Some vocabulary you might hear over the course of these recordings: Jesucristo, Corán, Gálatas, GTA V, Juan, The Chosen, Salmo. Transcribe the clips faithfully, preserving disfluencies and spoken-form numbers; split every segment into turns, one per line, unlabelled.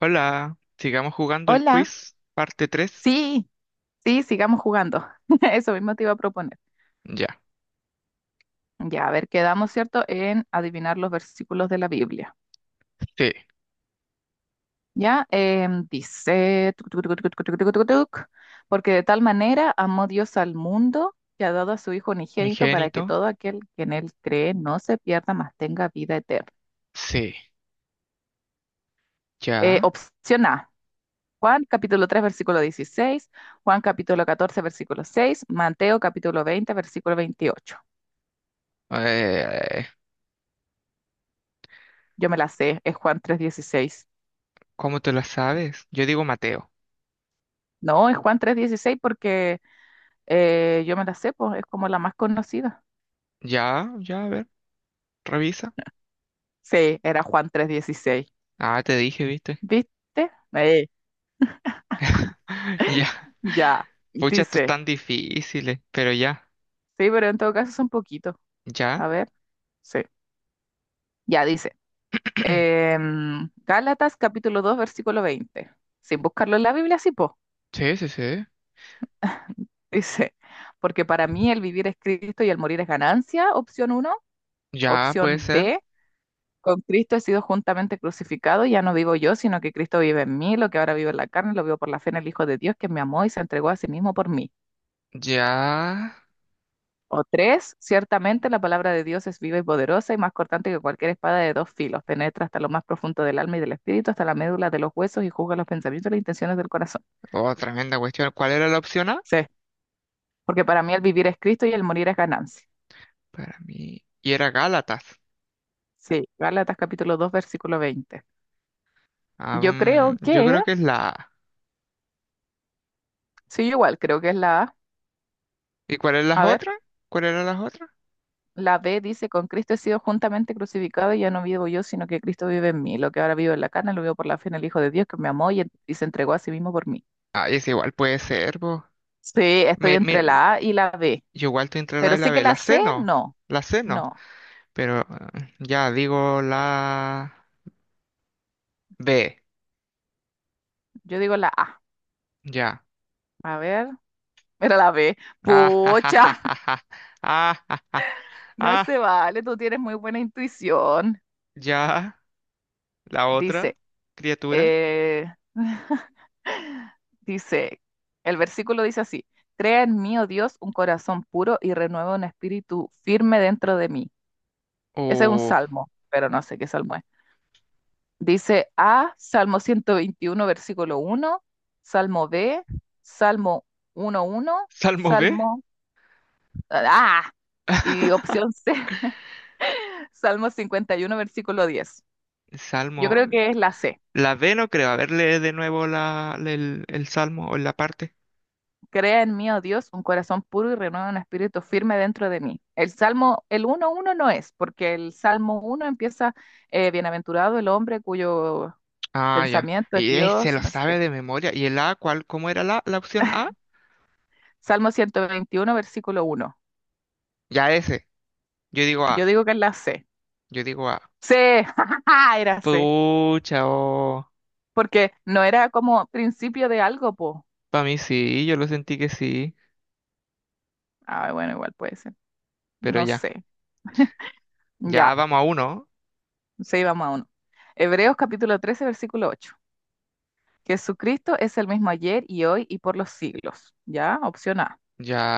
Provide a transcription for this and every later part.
Hola, sigamos jugando el
Hola,
quiz, parte tres.
sí, sí, sigamos jugando. Eso mismo te iba a proponer.
Ya,
Ya, a ver, quedamos, ¿cierto?, en adivinar los versículos de la Biblia.
sí.
Ya, em, dice, tuc, tuc, tuc, tuc, tuc, tuc, tuc, tuc, tuc, porque de tal manera amó Dios al mundo que ha dado a su Hijo unigénito para
Unigénito,
que todo aquel que en él cree no se pierda, mas tenga vida eterna.
sí.
Eh,
Ya.
opción A, Juan capítulo tres versículo dieciséis. Juan capítulo catorce versículo seis. Mateo capítulo veinte versículo veintiocho.
Eh,
Yo me la sé, es Juan tres dieciséis.
¿cómo te la sabes? Yo digo Mateo.
No, es Juan tres dieciséis porque eh, yo me la sé, pues, es como la más conocida.
Ya, ya, a ver, revisa.
Sí, era Juan tres dieciséis.
Ah, te dije, ¿viste?
¿Viste? Eh,
Ya.
ya,
Pucha, esto es
dice.
tan difícil, pero ya.
Sí, pero en todo caso son poquitos.
Ya.
A ver, sí, ya dice. em, Gálatas capítulo dos versículo veinte. Sin buscarlo en la Biblia, sí, po.
Sí, sí, sí.
Dice, porque para mí el vivir es Cristo y el morir es ganancia, opción uno.
Ya, puede
Opción
ser.
B, con Cristo he sido juntamente crucificado, ya no vivo yo, sino que Cristo vive en mí, lo que ahora vivo en la carne, lo vivo por la fe en el Hijo de Dios, que me amó y se entregó a sí mismo por mí.
Ya.
O tres, ciertamente la palabra de Dios es viva y poderosa y más cortante que cualquier espada de dos filos, penetra hasta lo más profundo del alma y del espíritu, hasta la médula de los huesos y juzga los pensamientos y las intenciones del corazón.
Oh, tremenda cuestión. ¿Cuál era la opción A?
Sí, porque para mí el vivir es Cristo y el morir es ganancia.
Para mí. Y era Gálatas.
Sí, Gálatas capítulo dos versículo veinte.
Ah,
Yo creo
mm, yo
que,
creo que es la A.
sí, yo igual, creo que es la A.
¿Y cuál es las
A ver.
otras? ¿Cuál eran las otras?
La B dice, con Cristo he sido juntamente crucificado y ya no vivo yo, sino que Cristo vive en mí. Lo que ahora vivo en la carne lo vivo por la fe en el Hijo de Dios que me amó y, en- y se entregó a sí mismo por mí.
Ah, es igual puede ser, vos.
Sí, estoy
Me,
entre
me,
la A y la B,
yo igual estoy entre la A
pero
y la
sí que
B.
la
La C
C
no,
no,
la C no.
no,
Pero ah, ya digo la B,
yo digo la A.
ya.
A ver, era la B.
Ah, ja, ja,
Pucha,
ja, ja, ja. Ah, ja, ja.
no
Ah,
se vale, tú tienes muy buena intuición.
ya. La otra
Dice,
criatura.
eh, dice, el versículo dice así, crea en mí, oh Dios, un corazón puro y renueva un espíritu firme dentro de mí. Ese es un
O
salmo, pero no sé qué salmo es. Dice A, Salmo ciento veintiuno versículo uno, Salmo B, Salmo uno uno,
Salmo B.
Salmo... Ah, y opción C, Salmo cincuenta y uno versículo diez. Yo
Salmo.
creo que es la C.
La B no creo. A ver, lee de nuevo la, el, el salmo o la parte.
Crea en mí, oh Dios, un corazón puro y renueva un espíritu firme dentro de mí. El Salmo, el uno uno no es, porque el Salmo uno empieza, eh, bienaventurado el hombre cuyo
Ah, ya.
pensamiento es
Y él se
Dios y
lo
no sé
sabe
qué.
de memoria. ¿Y el A cuál? ¿Cómo era la, la opción A?
Salmo ciento veintiuno versículo uno.
Ya ese. Yo digo
Yo
A.
digo que es la C.
Yo digo A.
C, jajaja, era C.
Pucha, oh.
Porque no era como principio de algo, po.
Para mí sí, yo lo sentí que sí.
Ah, bueno, igual puede ser.
Pero
No
ya.
sé.
Ya
Ya,
vamos a uno.
sí, vamos a uno. Hebreos capítulo trece versículo ocho. Jesucristo es el mismo ayer y hoy y por los siglos. Ya, opción A.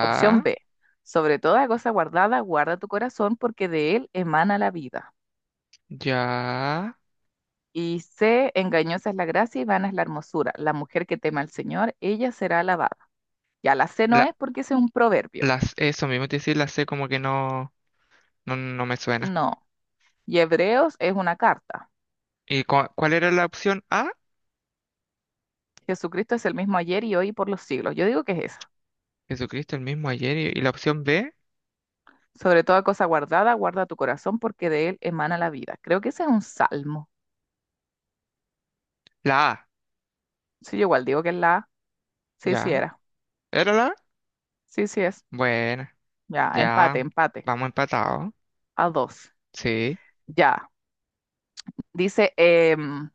Opción B. Sobre toda cosa guardada, guarda tu corazón porque de él emana la vida.
Ya.
Y C, engañosa es la gracia y vana es la hermosura. La mujer que teme al Señor, ella será alabada. Ya la C no
La,
es porque ese es un proverbio.
las, eso mismo te decía, la C como que no, no, no me suena.
No, y Hebreos es una carta.
¿Y cua- cuál era la opción A?
Jesucristo es el mismo ayer y hoy y por los siglos. Yo digo que es esa.
Jesucristo el mismo ayer. ¿Y, y la opción B?
Sobre toda cosa guardada, guarda tu corazón porque de él emana la vida. Creo que ese es un salmo.
La A.
Sí, yo igual digo que es la A. Sí, sí
Ya.
era.
¿Era la A?
Sí, sí es.
Bueno.
Ya, empate,
Ya.
empate.
Vamos empatados.
A dos.
Sí.
Ya. Dice, em,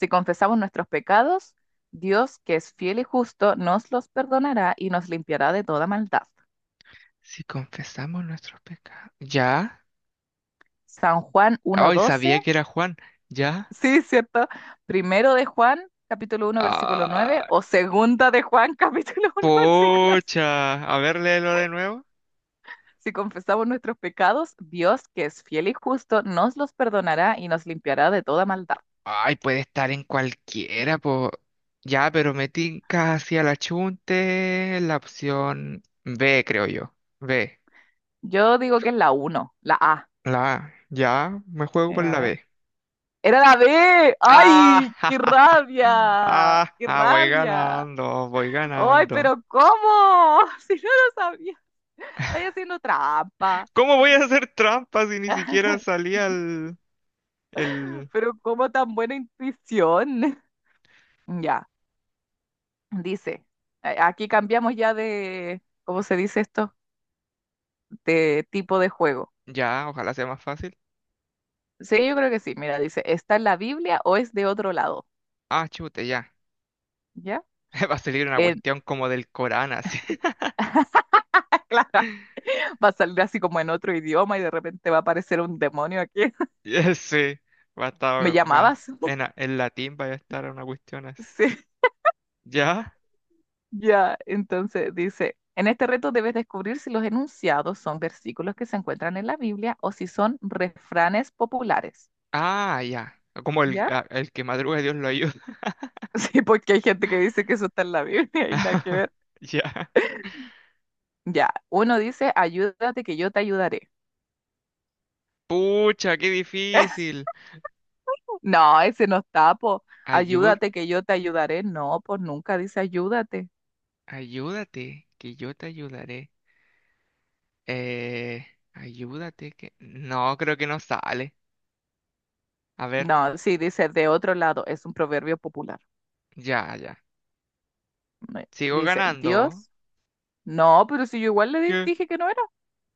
si confesamos nuestros pecados, Dios, que es fiel y justo, nos los perdonará y nos limpiará de toda maldad.
Si confesamos nuestros pecados. ¿Ya?
San Juan uno
Ay,
doce.
sabía que era Juan. ¿Ya?
Sí, ¿cierto? Primero de Juan, capítulo uno, versículo nueve,
Ah,
o segunda de Juan, capítulo uno, versículo seis.
pocha. A ver, léelo de nuevo.
Si confesamos nuestros pecados, Dios, que es fiel y justo, nos los perdonará y nos limpiará de toda maldad.
Ay, puede estar en cualquiera, po. Ya, pero me tinca hacia la chunte la opción B, creo yo. B.
Yo digo que es la uno, la A.
La A. Ya, me juego
Eh,
por
a
la
ver.
B.
Era la B.
Ah,
¡Ay, qué
ja, ja, ja.
rabia!
Ah,
¡Qué
ah, voy
rabia!
ganando, voy
¡Ay,
ganando.
pero cómo! Si no lo sabía. Estáis haciendo trampa.
¿Cómo voy a hacer trampas si ni siquiera salía el, el,
Pero cómo tan buena intuición. Ya. Dice, a- aquí cambiamos ya de, ¿cómo se dice esto? De tipo de juego.
Ya, ojalá sea más fácil.
Sí, yo creo que sí. Mira, dice, ¿está en la Biblia o es de otro lado?
Ah, chute, ya.
¿Ya?
Va a salir una
En,
cuestión como del Corán, así.
claro, va a salir así como en otro idioma y de repente va a aparecer un demonio aquí.
Ya, sí, va a
¿Me
estar, va.
llamabas?
En, a- en latín va a estar una cuestión así.
Sí,
¿Ya?
ya. Entonces dice, en este reto debes descubrir si los enunciados son versículos que se encuentran en la Biblia o si son refranes populares.
Ah, ya. Como el,
¿Ya?
a- el que madruga Dios lo ayuda.
Sí, porque hay gente que dice que eso está en la Biblia y nada que ver.
Ya.
Ya, uno dice, ayúdate que yo te ayudaré.
Pucha, qué difícil.
No, ese no está, po.
Ayud,
Ayúdate que yo te ayudaré. No, pues nunca dice ayúdate.
ayúdate, que yo te ayudaré. Eh, ayúdate, que... No, creo que no sale. A ver,
No, sí, dice de otro lado. Es un proverbio popular.
ya, ya.
Me-
Sigo
Dice,
ganando.
Dios. No, pero si yo igual le di-
Qué.
dije que no era.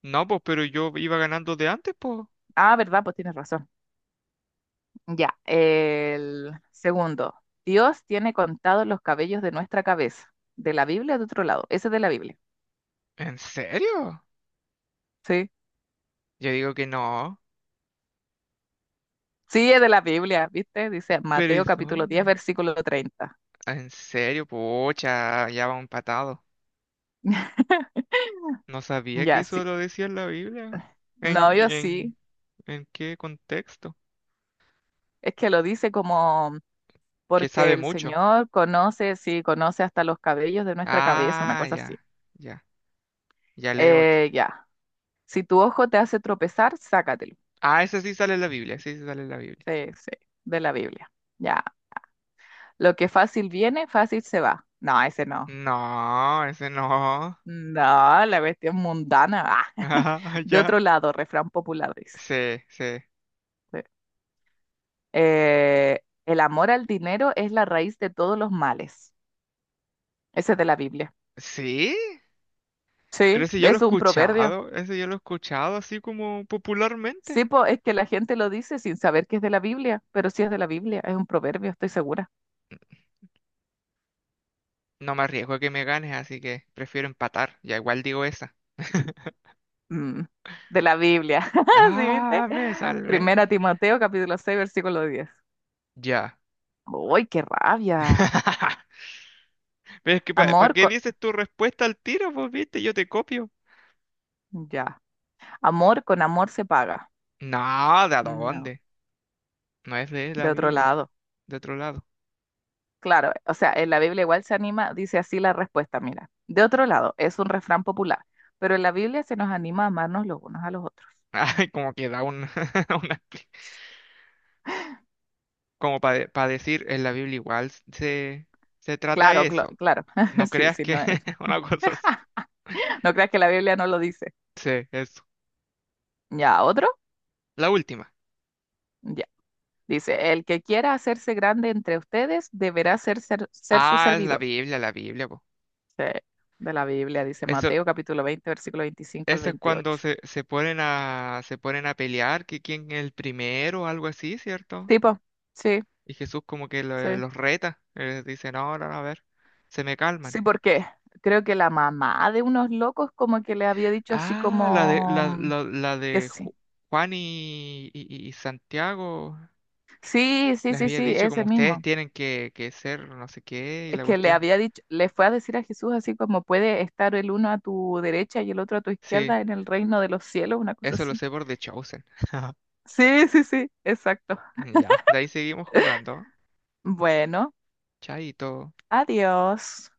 No, pues, pero yo iba ganando de antes, pues.
Ah, verdad, pues tienes razón. Ya, el segundo. Dios tiene contados los cabellos de nuestra cabeza. De la Biblia de otro lado. Ese es de la Biblia.
¿En serio?
Sí.
Yo digo que no.
Sí, es de la Biblia, ¿viste? Dice
¿Pero y
Mateo capítulo diez
dónde?
versículo treinta.
¿En serio? Pucha, ya va empatado. No sabía que
Ya,
eso
sí.
lo decía en la Biblia. ¿En,
No,
y
yo
en,
sí.
¿en qué contexto?
Es que lo dice como
Que
porque
sabe
el
mucho.
Señor conoce, sí, conoce hasta los cabellos de nuestra cabeza, una
Ah,
cosa así.
ya, ya. Ya lee otro.
Eh, ya. Si tu ojo te hace tropezar, sácatelo.
Ah, ese sí sale en la Biblia, ese sí sale en la Biblia.
Sí, sí, de la Biblia. Ya. Lo que fácil viene, fácil se va. No, ese no.
No, ese no.
No, la cuestión mundana. Ah.
Ah,
De
ya.
otro lado, refrán popular dice.
Sí, sí.
Sí. Eh, el amor al dinero es la raíz de todos los males. Ese es de la Biblia.
¿Sí? Pero
Sí,
ese yo lo he
es un proverbio.
escuchado, ese yo lo he escuchado así como popularmente.
Sí, po, es que la gente lo dice sin saber que es de la Biblia, pero sí es de la Biblia, es un proverbio, estoy segura.
No me arriesgo a que me ganes, así que prefiero empatar. Ya igual digo esa.
Mm, de la Biblia, ¿sí viste?
Ah, me salvé.
Primera Timoteo, capítulo seis versículo diez.
Ya.
¡Uy, qué rabia!
Pero es que, ¿para
Amor
qué
con...
dices tu respuesta al tiro? Pues viste, yo te copio.
Ya, amor con amor se paga.
No, ¿de
No,
dónde? No es de la
de otro
Biblia,
lado.
de otro lado.
Claro, o sea, en la Biblia igual se anima, dice así la respuesta, mira. De otro lado, es un refrán popular, pero en la Biblia se nos anima a amarnos los unos a los otros.
Ay, como que da un, una, expli- como para decir, en la Biblia igual se, se trata
Claro, clo-
eso.
claro,
No
sí,
creas
sí,
que
no, es-
una cosa así.
no creas que la Biblia no lo dice.
Sí, es.
Ya, otro.
La última.
Ya. Dice, el que quiera hacerse grande entre ustedes deberá ser, ser, ser su
Ah, es la
servidor.
Biblia, la Biblia, po.
Sí, de la Biblia, dice
Eso,
Mateo capítulo veinte versículo veinticinco al
eso es cuando
veintiocho.
se, se ponen a, se ponen a pelear, que quién es el primero o algo así, ¿cierto?
Tipo, sí,
Y Jesús como que lo-
sí.
los reta, eh, dice, no, no, no, a ver, se me calman.
Sí, porque creo que la mamá de unos locos como que le había dicho así
Ah, la de,
como
la,
mm,
la, la
que
de
sí.
Ju- Juan y, y- y Santiago,
Sí, sí,
les
sí,
había
sí,
dicho como
ese
ustedes
mismo.
tienen que, que ser no sé qué y
Es
la
que le
cuestión.
había dicho, le fue a decir a Jesús así como puede estar el uno a tu derecha y el otro a tu
Sí,
izquierda en el reino de los cielos, una cosa
eso lo
así.
sé por The Chosen.
Sí, sí, sí, exacto.
Ya, de ahí seguimos jugando.
Bueno,
Chaito.
adiós.